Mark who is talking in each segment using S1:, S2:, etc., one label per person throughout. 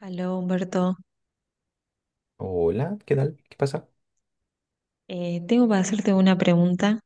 S1: Aló, Humberto.
S2: Hola, ¿qué tal? ¿Qué pasa?
S1: Tengo para hacerte una pregunta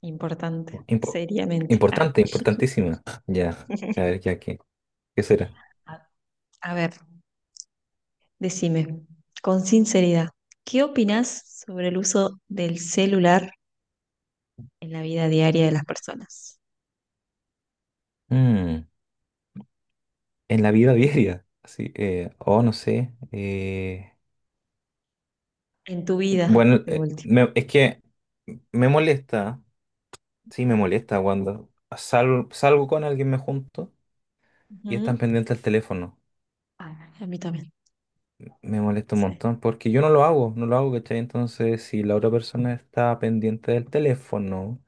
S1: importante,
S2: Impo-
S1: seriamente. Ah.
S2: importante, importantísima. Ya, a ver, ya, ¿qué será?
S1: A a ver, decime, con sinceridad, ¿qué opinás sobre el uso del celular en la vida diaria de las personas?
S2: Mm, en la vida diaria, así, oh, no sé. eh,
S1: En tu vida,
S2: bueno,
S1: de último.
S2: es que me molesta, sí, me molesta cuando salgo con alguien, me junto y están
S1: Ujú.
S2: pendientes al teléfono.
S1: Ah, a mí también,
S2: Me molesta un
S1: sí.
S2: montón porque yo no lo hago, no lo hago, ¿cachai? Entonces, si la otra persona está pendiente del teléfono,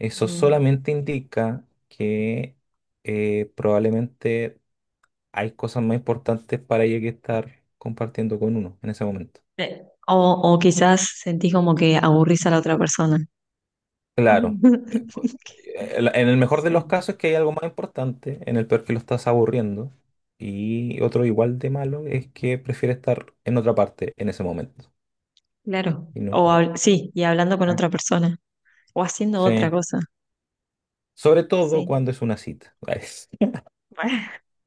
S2: eso
S1: Ujú.
S2: solamente indica que probablemente hay cosas más importantes para ella que estar compartiendo con uno en ese momento.
S1: O quizás sentís como que aburrís a la otra persona.
S2: Claro, en el mejor de los
S1: Sí.
S2: casos es que hay algo más importante, en el peor que lo estás aburriendo, y otro igual de malo es que prefiere estar en otra parte en ese momento
S1: Claro.
S2: y no
S1: O
S2: ahí.
S1: hab- sí, y hablando con
S2: Ah.
S1: otra persona o haciendo
S2: Sí.
S1: otra cosa.
S2: Sobre todo
S1: Sí.
S2: cuando es una cita. Ay,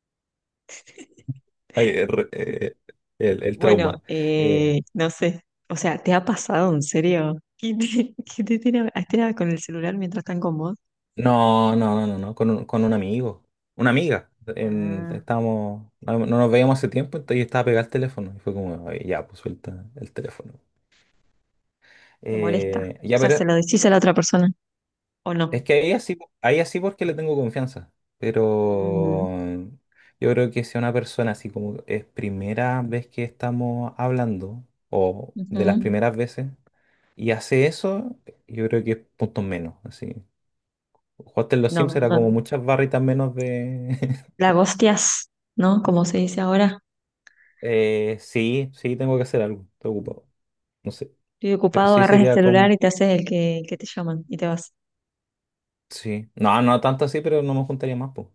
S2: ay, eh, re- eh, el
S1: Bueno,
S2: trauma. Eh,
S1: no sé. O sea, ¿te ha pasado en serio que te, que te tiene a- estén a- con el celular mientras están con vos?
S2: no, no, no, no, no, con un amigo, una amiga.
S1: Ah.
S2: Estábamos, no, no nos veíamos hace tiempo entonces y estaba pegado al teléfono. Y fue como, "Ay, ya, pues suelta el teléfono."
S1: ¿Te molesta?
S2: Eh,
S1: O
S2: ya,
S1: sea, ¿se
S2: pero
S1: lo decís a la otra persona o
S2: es
S1: no?
S2: que ahí así porque le tengo confianza.
S1: Mm,
S2: Pero yo creo que si una persona así como es primera vez que estamos hablando, o de las
S1: ujú.
S2: primeras veces, y hace eso, yo creo que es puntos menos, así. Jugaste en los Sims
S1: No,
S2: era como
S1: no.
S2: muchas barritas menos de...
S1: La gostias, ¿no? Como se dice ahora.
S2: Sí, sí, tengo que hacer algo, estoy ocupado, no sé,
S1: Estoy
S2: pero
S1: ocupado,
S2: sí
S1: agarras el
S2: sería
S1: celular y
S2: con...
S1: te haces el que te llaman y te vas.
S2: Sí, no, no tanto así, pero no me juntaría más, pues.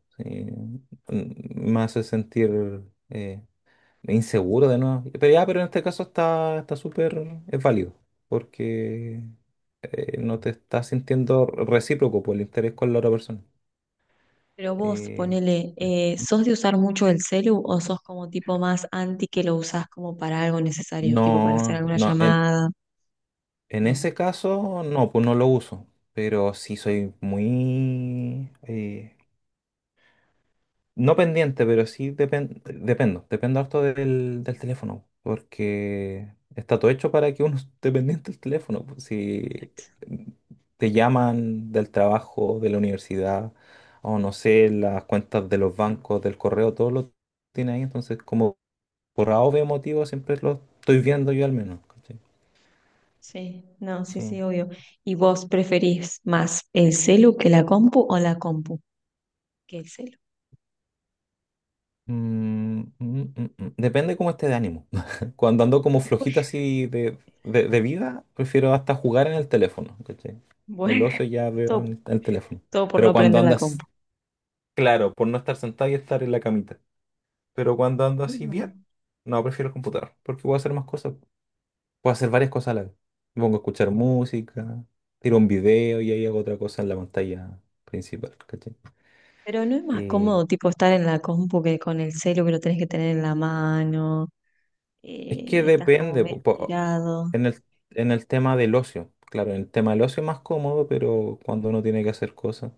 S2: Me hace sentir eh, inseguro de nuevo. Pero ya, pero en este caso está súper, es válido, porque no te estás sintiendo recíproco por el interés con la otra persona.
S1: Pero vos,
S2: Eh,
S1: ponele, ¿sos de usar mucho el celu o sos como tipo más anti que lo usás como para algo necesario, tipo para hacer
S2: no,
S1: alguna
S2: no, en,
S1: llamada?
S2: En
S1: No.
S2: ese caso, no, pues no lo uso, pero sí soy muy... no pendiente, pero sí dependo harto del teléfono, porque está todo hecho para que uno esté pendiente del teléfono, pues. Si
S1: Exacto.
S2: te llaman del trabajo, de la universidad, o no sé, las cuentas de los bancos, del correo, todo lo tiene ahí, entonces como por A o B motivo siempre lo estoy viendo yo al menos. ¿Cachai?
S1: Sí, no, sí,
S2: Sí.
S1: sí, obvio. ¿Y vos preferís más el celu que la compu o la compu que el celu?
S2: Mm. Depende cómo esté de ánimo. Cuando ando como
S1: Uy,
S2: flojito así de vida, prefiero hasta jugar en el teléfono, ¿cachai? El
S1: bueno,
S2: oso ya veo
S1: todo,
S2: en el teléfono.
S1: todo por
S2: Pero
S1: no
S2: cuando
S1: prender la compu.
S2: andas, claro, por no estar sentado y estar en la camita. Pero cuando ando así bien,
S1: Mm.
S2: no, prefiero el computador, porque puedo hacer más cosas. Puedo hacer varias cosas a la vez. Me pongo a escuchar música, tiro un video y ahí hago otra cosa en la pantalla principal, ¿cachai?
S1: Pero no es más
S2: Eh,
S1: cómodo tipo estar en la compu que con el celu que lo tenés que tener en la mano,
S2: Es que
S1: estás como
S2: depende,
S1: medio tirado.
S2: en el, en el tema del ocio. Claro, en el tema del ocio es más cómodo, pero cuando uno tiene que hacer cosas,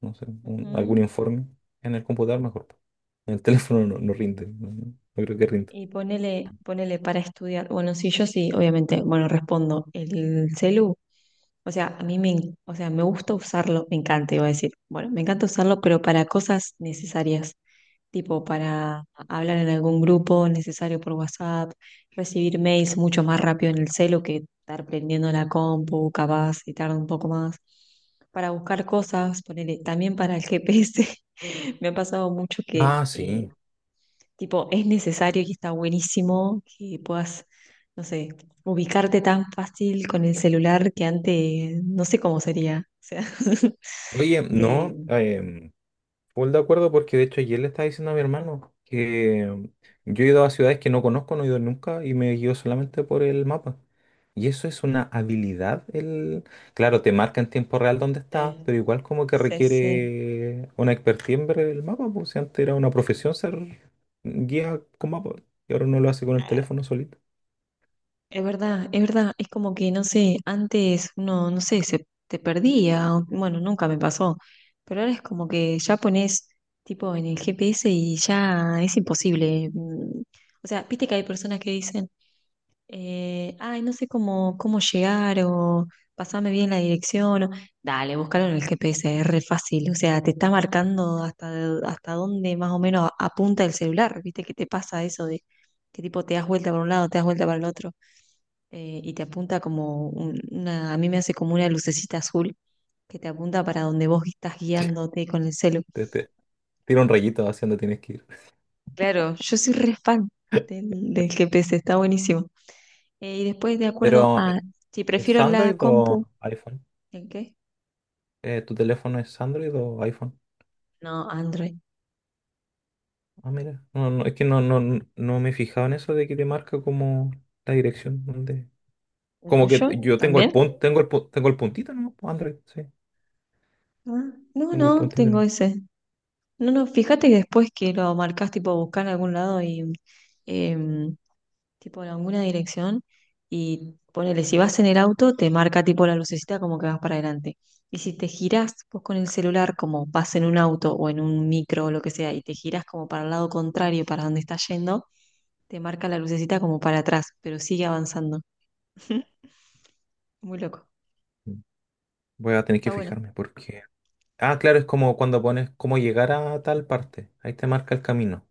S2: no sé, algún
S1: Ujú.
S2: informe en el computador mejor, po. En el teléfono no, no rinde, no, no creo que rinda.
S1: Y ponele, ponele para estudiar. Bueno, sí, yo sí, obviamente, bueno, respondo el celu. O sea, a mí me, en- o sea, me gusta usarlo, me encanta, iba a decir. Bueno, me encanta usarlo, pero para cosas necesarias, tipo para hablar en algún grupo necesario por WhatsApp, recibir mails mucho más rápido en el celu que estar prendiendo la compu, capaz, y tarda un poco más. Para buscar cosas, ponele, también para el GPS. Me ha pasado mucho que
S2: Ah, sí.
S1: tipo, es necesario y está buenísimo que puedas, no sé, ubicarte tan fácil con el celular que antes, no sé cómo sería. O sea,
S2: Oye,
S1: eh,
S2: no, full de acuerdo porque de hecho ayer le estaba diciendo a mi hermano que yo he ido a ciudades que no conozco, no he ido nunca y me guío solamente por el mapa. Y eso es una habilidad. El... Claro, te marca en tiempo real dónde estás,
S1: sí,
S2: pero igual como que
S1: sí, sí.
S2: requiere una expertise en ver el mapa, pues si antes era una profesión ser guía con mapa y ahora uno lo hace con el
S1: Ah,
S2: teléfono solito.
S1: es verdad, es verdad. Es como que, no sé, antes uno, no sé, se te perdía. O- bueno, nunca me pasó. Pero ahora es como que ya pones tipo en el GPS y ya es imposible. O sea, viste que hay personas que dicen ay, no sé cómo, cómo llegar o pasame bien la dirección. O- dale, búscalo en el GPS, es re fácil. O sea, te está marcando hasta, de- hasta dónde más o menos apunta el celular. ¿Viste que te pasa eso de que tipo te das vuelta para un lado, te das vuelta para el otro? Y te apunta como un- una, a mí me hace como una lucecita azul que te apunta para donde vos estás guiándote con el celu.
S2: Te tira un rayito hacia dónde tienes que ir.
S1: Claro, yo soy re fan del GPS, está buenísimo. Y después, de acuerdo
S2: Pero,
S1: a si
S2: ¿es
S1: prefiero la
S2: Android
S1: compu.
S2: o iPhone?
S1: ¿El qué?
S2: ¿Tu teléfono es Android o iPhone?
S1: No, Android.
S2: Ah, mira. No, no, es que no, no, no me he fijado en eso de que te marca como la dirección donde.
S1: ¿El
S2: Como que
S1: tuyo
S2: yo tengo el
S1: también?
S2: punto, tengo el puntito, ¿no? Android, sí.
S1: Ah, no,
S2: Tengo el
S1: no,
S2: puntito,
S1: tengo
S2: ¿no?
S1: ese. No, no, fíjate que después que lo marcas, tipo buscar en algún lado y em, tipo en alguna dirección y ponele, si vas en el auto, te marca tipo la lucecita como que vas para adelante. Y si te girás vos con el celular, como vas en un auto o en un micro o lo que sea, y te girás como para el lado contrario, para donde estás yendo, te marca la lucecita como para atrás, pero sigue avanzando. Muy loco.
S2: Mm. Voy a tener que
S1: Está bueno.
S2: fijarme porque. Ah, claro, es como cuando pones cómo llegar a tal parte. Ahí te marca el camino.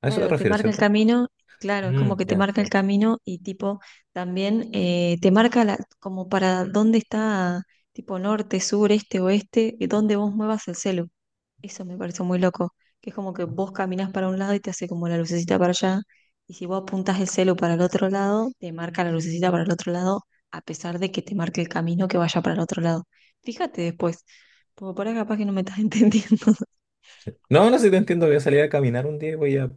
S2: A eso te
S1: Claro, te
S2: refieres,
S1: marca el
S2: ¿cierto?
S1: camino, claro, es
S2: Mm,
S1: como que te
S2: ya,
S1: marca
S2: sí.
S1: el camino y tipo también te marca la, como para dónde está tipo norte, sur, este, oeste, y dónde vos muevas el celu. Eso me pareció muy loco, que es como que vos caminás para un lado y te hace como la lucecita para allá, y si vos apuntás el celu para el otro lado, te marca la lucecita para el otro lado, a pesar de que te marque el camino que vaya para el otro lado. Fíjate después, porque por ahí capaz que no me estás entendiendo.
S2: No, no sé si te entiendo. Voy a salir a caminar un día y voy a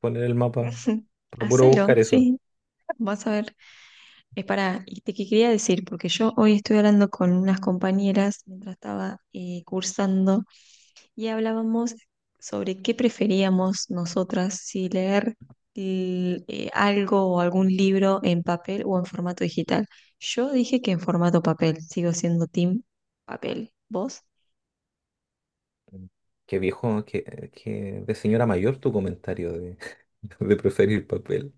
S2: poner el mapa. Procuro
S1: Hacelo,
S2: buscar eso.
S1: sí, vas a ver. Es para, y te que quería decir, porque yo hoy estoy hablando con unas compañeras mientras estaba cursando y hablábamos sobre qué preferíamos nosotras, si leer l- algo o algún libro en papel o en formato digital. Yo dije que en formato papel, sigo siendo team papel. ¿Vos?
S2: Mm. Qué viejo, qué de señora mayor tu comentario de, de preferir papel.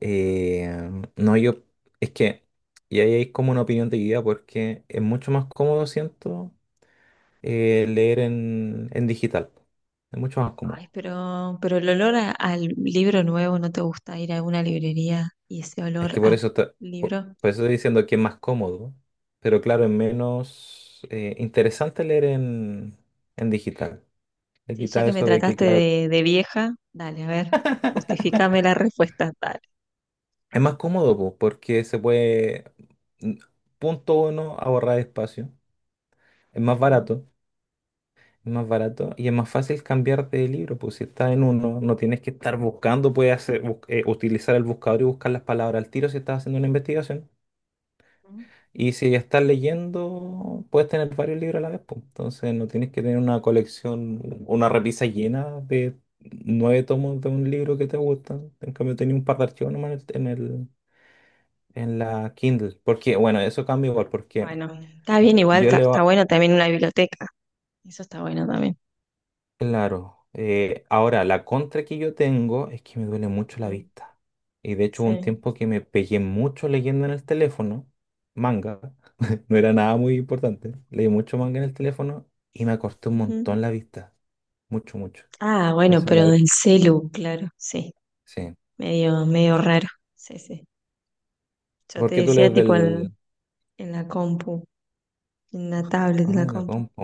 S2: Eh, no, yo, es que, y ahí hay como una opinión dividida porque es mucho más cómodo, siento, leer en, digital. Es mucho más
S1: Ay,
S2: cómodo.
S1: pero el olor a- al libro nuevo, ¿no te gusta ir a una librería y ese
S2: Es
S1: olor
S2: que por
S1: a
S2: eso, está- por,
S1: libro?
S2: por eso estoy diciendo que es más cómodo, pero claro, es menos interesante leer en digital. Le
S1: Sí, ya
S2: quita
S1: que me
S2: eso de que,
S1: trataste
S2: claro,
S1: de vieja, dale, a ver, justifícame la respuesta, dale.
S2: es más cómodo, po, porque se puede, mm, punto uno, ahorrar espacio. Es más
S1: Mm,
S2: barato. Es más barato y es más fácil cambiar de libro, pues si estás en uno, no tienes que estar buscando, puedes hacer, utilizar el buscador y buscar las palabras al tiro si estás haciendo una investigación.
S1: mm.
S2: Y si ya estás leyendo, puedes tener varios libros a la vez, pues. Entonces no tienes que tener una colección, una repisa llena de nueve tomos de un libro que te gusta. En cambio, tenía un par de archivos nomás en el, en la Kindle. Porque, bueno, eso cambia igual, porque
S1: Bueno, está bien igual,
S2: yo
S1: está, está
S2: leo.
S1: bueno también una biblioteca, eso está bueno también.
S2: Claro. Ahora, la contra que yo tengo es que me duele mucho la
S1: Mm,
S2: vista. Y de hecho, hubo un
S1: sí.
S2: tiempo que me pegué mucho leyendo en el teléfono, manga, no era nada muy importante. Leí mucho manga en el teléfono y me acorté un
S1: Ujú.
S2: montón la vista. Mucho, mucho.
S1: Ah, bueno,
S2: Entonces,
S1: pero del celu, claro, sí,
S2: sí.
S1: medio, medio raro, sí, sí. Yo
S2: ¿Por
S1: te
S2: qué tú
S1: decía
S2: lees
S1: tipo
S2: del?
S1: en la compu, en la tablet de
S2: Ah,
S1: la
S2: en la
S1: compu.
S2: compu.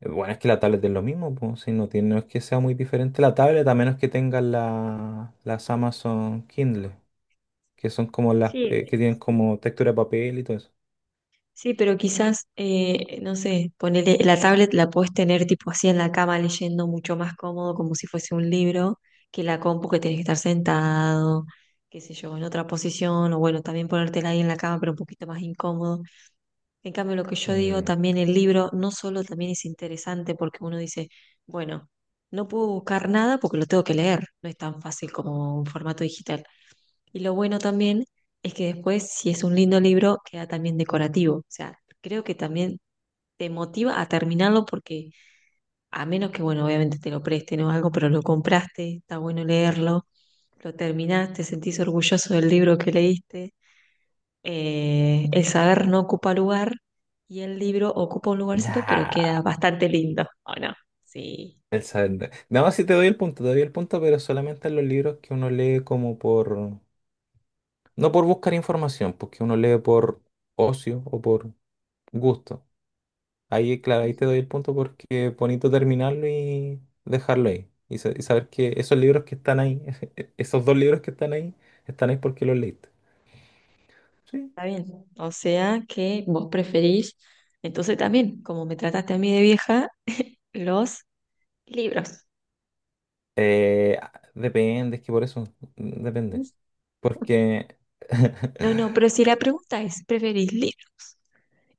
S2: Bueno, es que la tablet es lo mismo, pues, si no tiene, no es que sea muy diferente la tablet, a menos que tengas las Amazon Kindle, que son como las
S1: Sí,
S2: que tienen como textura de papel y todo eso.
S1: sí, pero quizás, no sé, ponele, la tablet la puedes tener tipo así en la cama leyendo mucho más cómodo, como si fuese un libro, que la compu que tenés que estar sentado, qué sé yo, en otra posición, o bueno, también ponértela ahí en la cama, pero un poquito más incómodo. En cambio, lo que yo digo,
S2: Mm,
S1: también el libro no solo también es interesante porque uno dice, bueno, no puedo buscar nada porque lo tengo que leer, no es tan fácil como un formato digital. Y lo bueno también es que después, si es un lindo libro, queda también decorativo. O sea, creo que también te motiva a terminarlo porque a menos que, bueno, obviamente te lo presten o algo, pero lo compraste, está bueno leerlo, lo terminaste, sentís orgulloso del libro que leíste. El saber no ocupa lugar y el libro ocupa un lugarcito, pero queda
S2: nah,
S1: bastante lindo, ¿o no? Sí.
S2: No, sí te doy el punto, te doy el punto, pero solamente en los libros que uno lee como por... No por buscar información, porque uno lee por ocio o por gusto. Ahí, claro, ahí
S1: Ujú.
S2: te doy el punto porque es bonito terminarlo y dejarlo ahí. Y saber que esos libros que están ahí, esos dos libros que están ahí porque los leíste. Sí.
S1: Está bien. O sea que vos preferís, entonces también, como me trataste a mí de vieja, los libros.
S2: Eh, depende, es que por eso, depende. Porque
S1: No, no, pero si la pregunta es, ¿preferís libro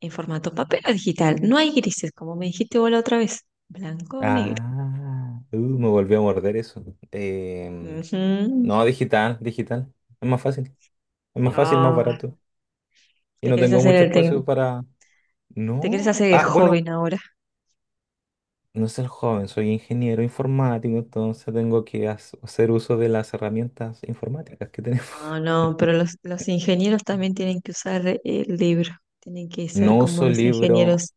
S1: en formato papel o digital? No hay grises, como me dijiste vos la otra vez. Blanco o negro.
S2: Ah, me volvió a morder eso. Em,
S1: Ujú.
S2: no, digital, digital. Es más fácil. Es más fácil, más
S1: Ah,
S2: barato. Y
S1: te
S2: no
S1: querés
S2: tengo
S1: hacer
S2: mucho
S1: el tec-
S2: espacio para...
S1: te querés
S2: No.
S1: hacer el
S2: Ah, bueno,
S1: joven ahora.
S2: no soy joven, soy ingeniero informático, entonces tengo que hacer uso de las herramientas informáticas que tenemos.
S1: No, no, pero los ingenieros también tienen que usar el libro. Tienen que ser
S2: No
S1: como
S2: uso
S1: los
S2: libro
S1: ingenieros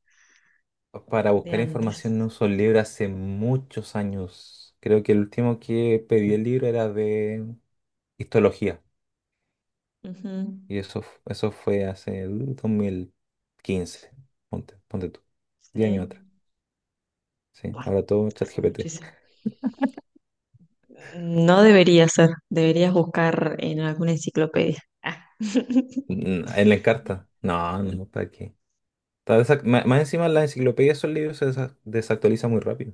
S2: para
S1: de
S2: buscar
S1: antes.
S2: información, no uso libro hace muchos años. Creo que el último que pedí el libro era de histología.
S1: Ujú.
S2: Y eso, eso fue hace 2015, ponte tú, 10 años
S1: Sí.
S2: atrás. Sí,
S1: Bueno,
S2: ahora todo
S1: hace
S2: ChatGPT.
S1: muchísimo. No debería ser, deberías buscar en alguna enciclopedia. Ah.
S2: ¿En la Encarta? No, no, no, ¿para qué? Más encima las enciclopedias, esos libros se desactualizan muy rápido.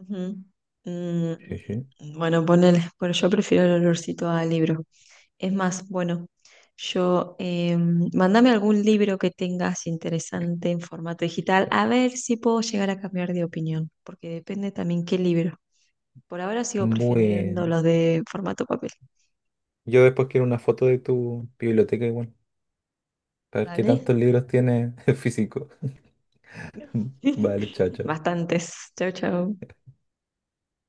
S1: Ujú.
S2: Sí, sí.
S1: Mm, bueno, ponele, pero yo prefiero el olorcito a libro. Es más, bueno, yo mándame algún libro que tengas interesante en formato digital, a ver si puedo llegar a cambiar de opinión, porque depende también qué libro. Por ahora sigo prefiriendo
S2: Bueno,
S1: los de formato papel,
S2: yo después quiero una foto de tu biblioteca igual, para ver qué
S1: ¿vale?
S2: tantos libros tienes físicos. Vale, chao, chao.
S1: Bastantes. Chau, chau.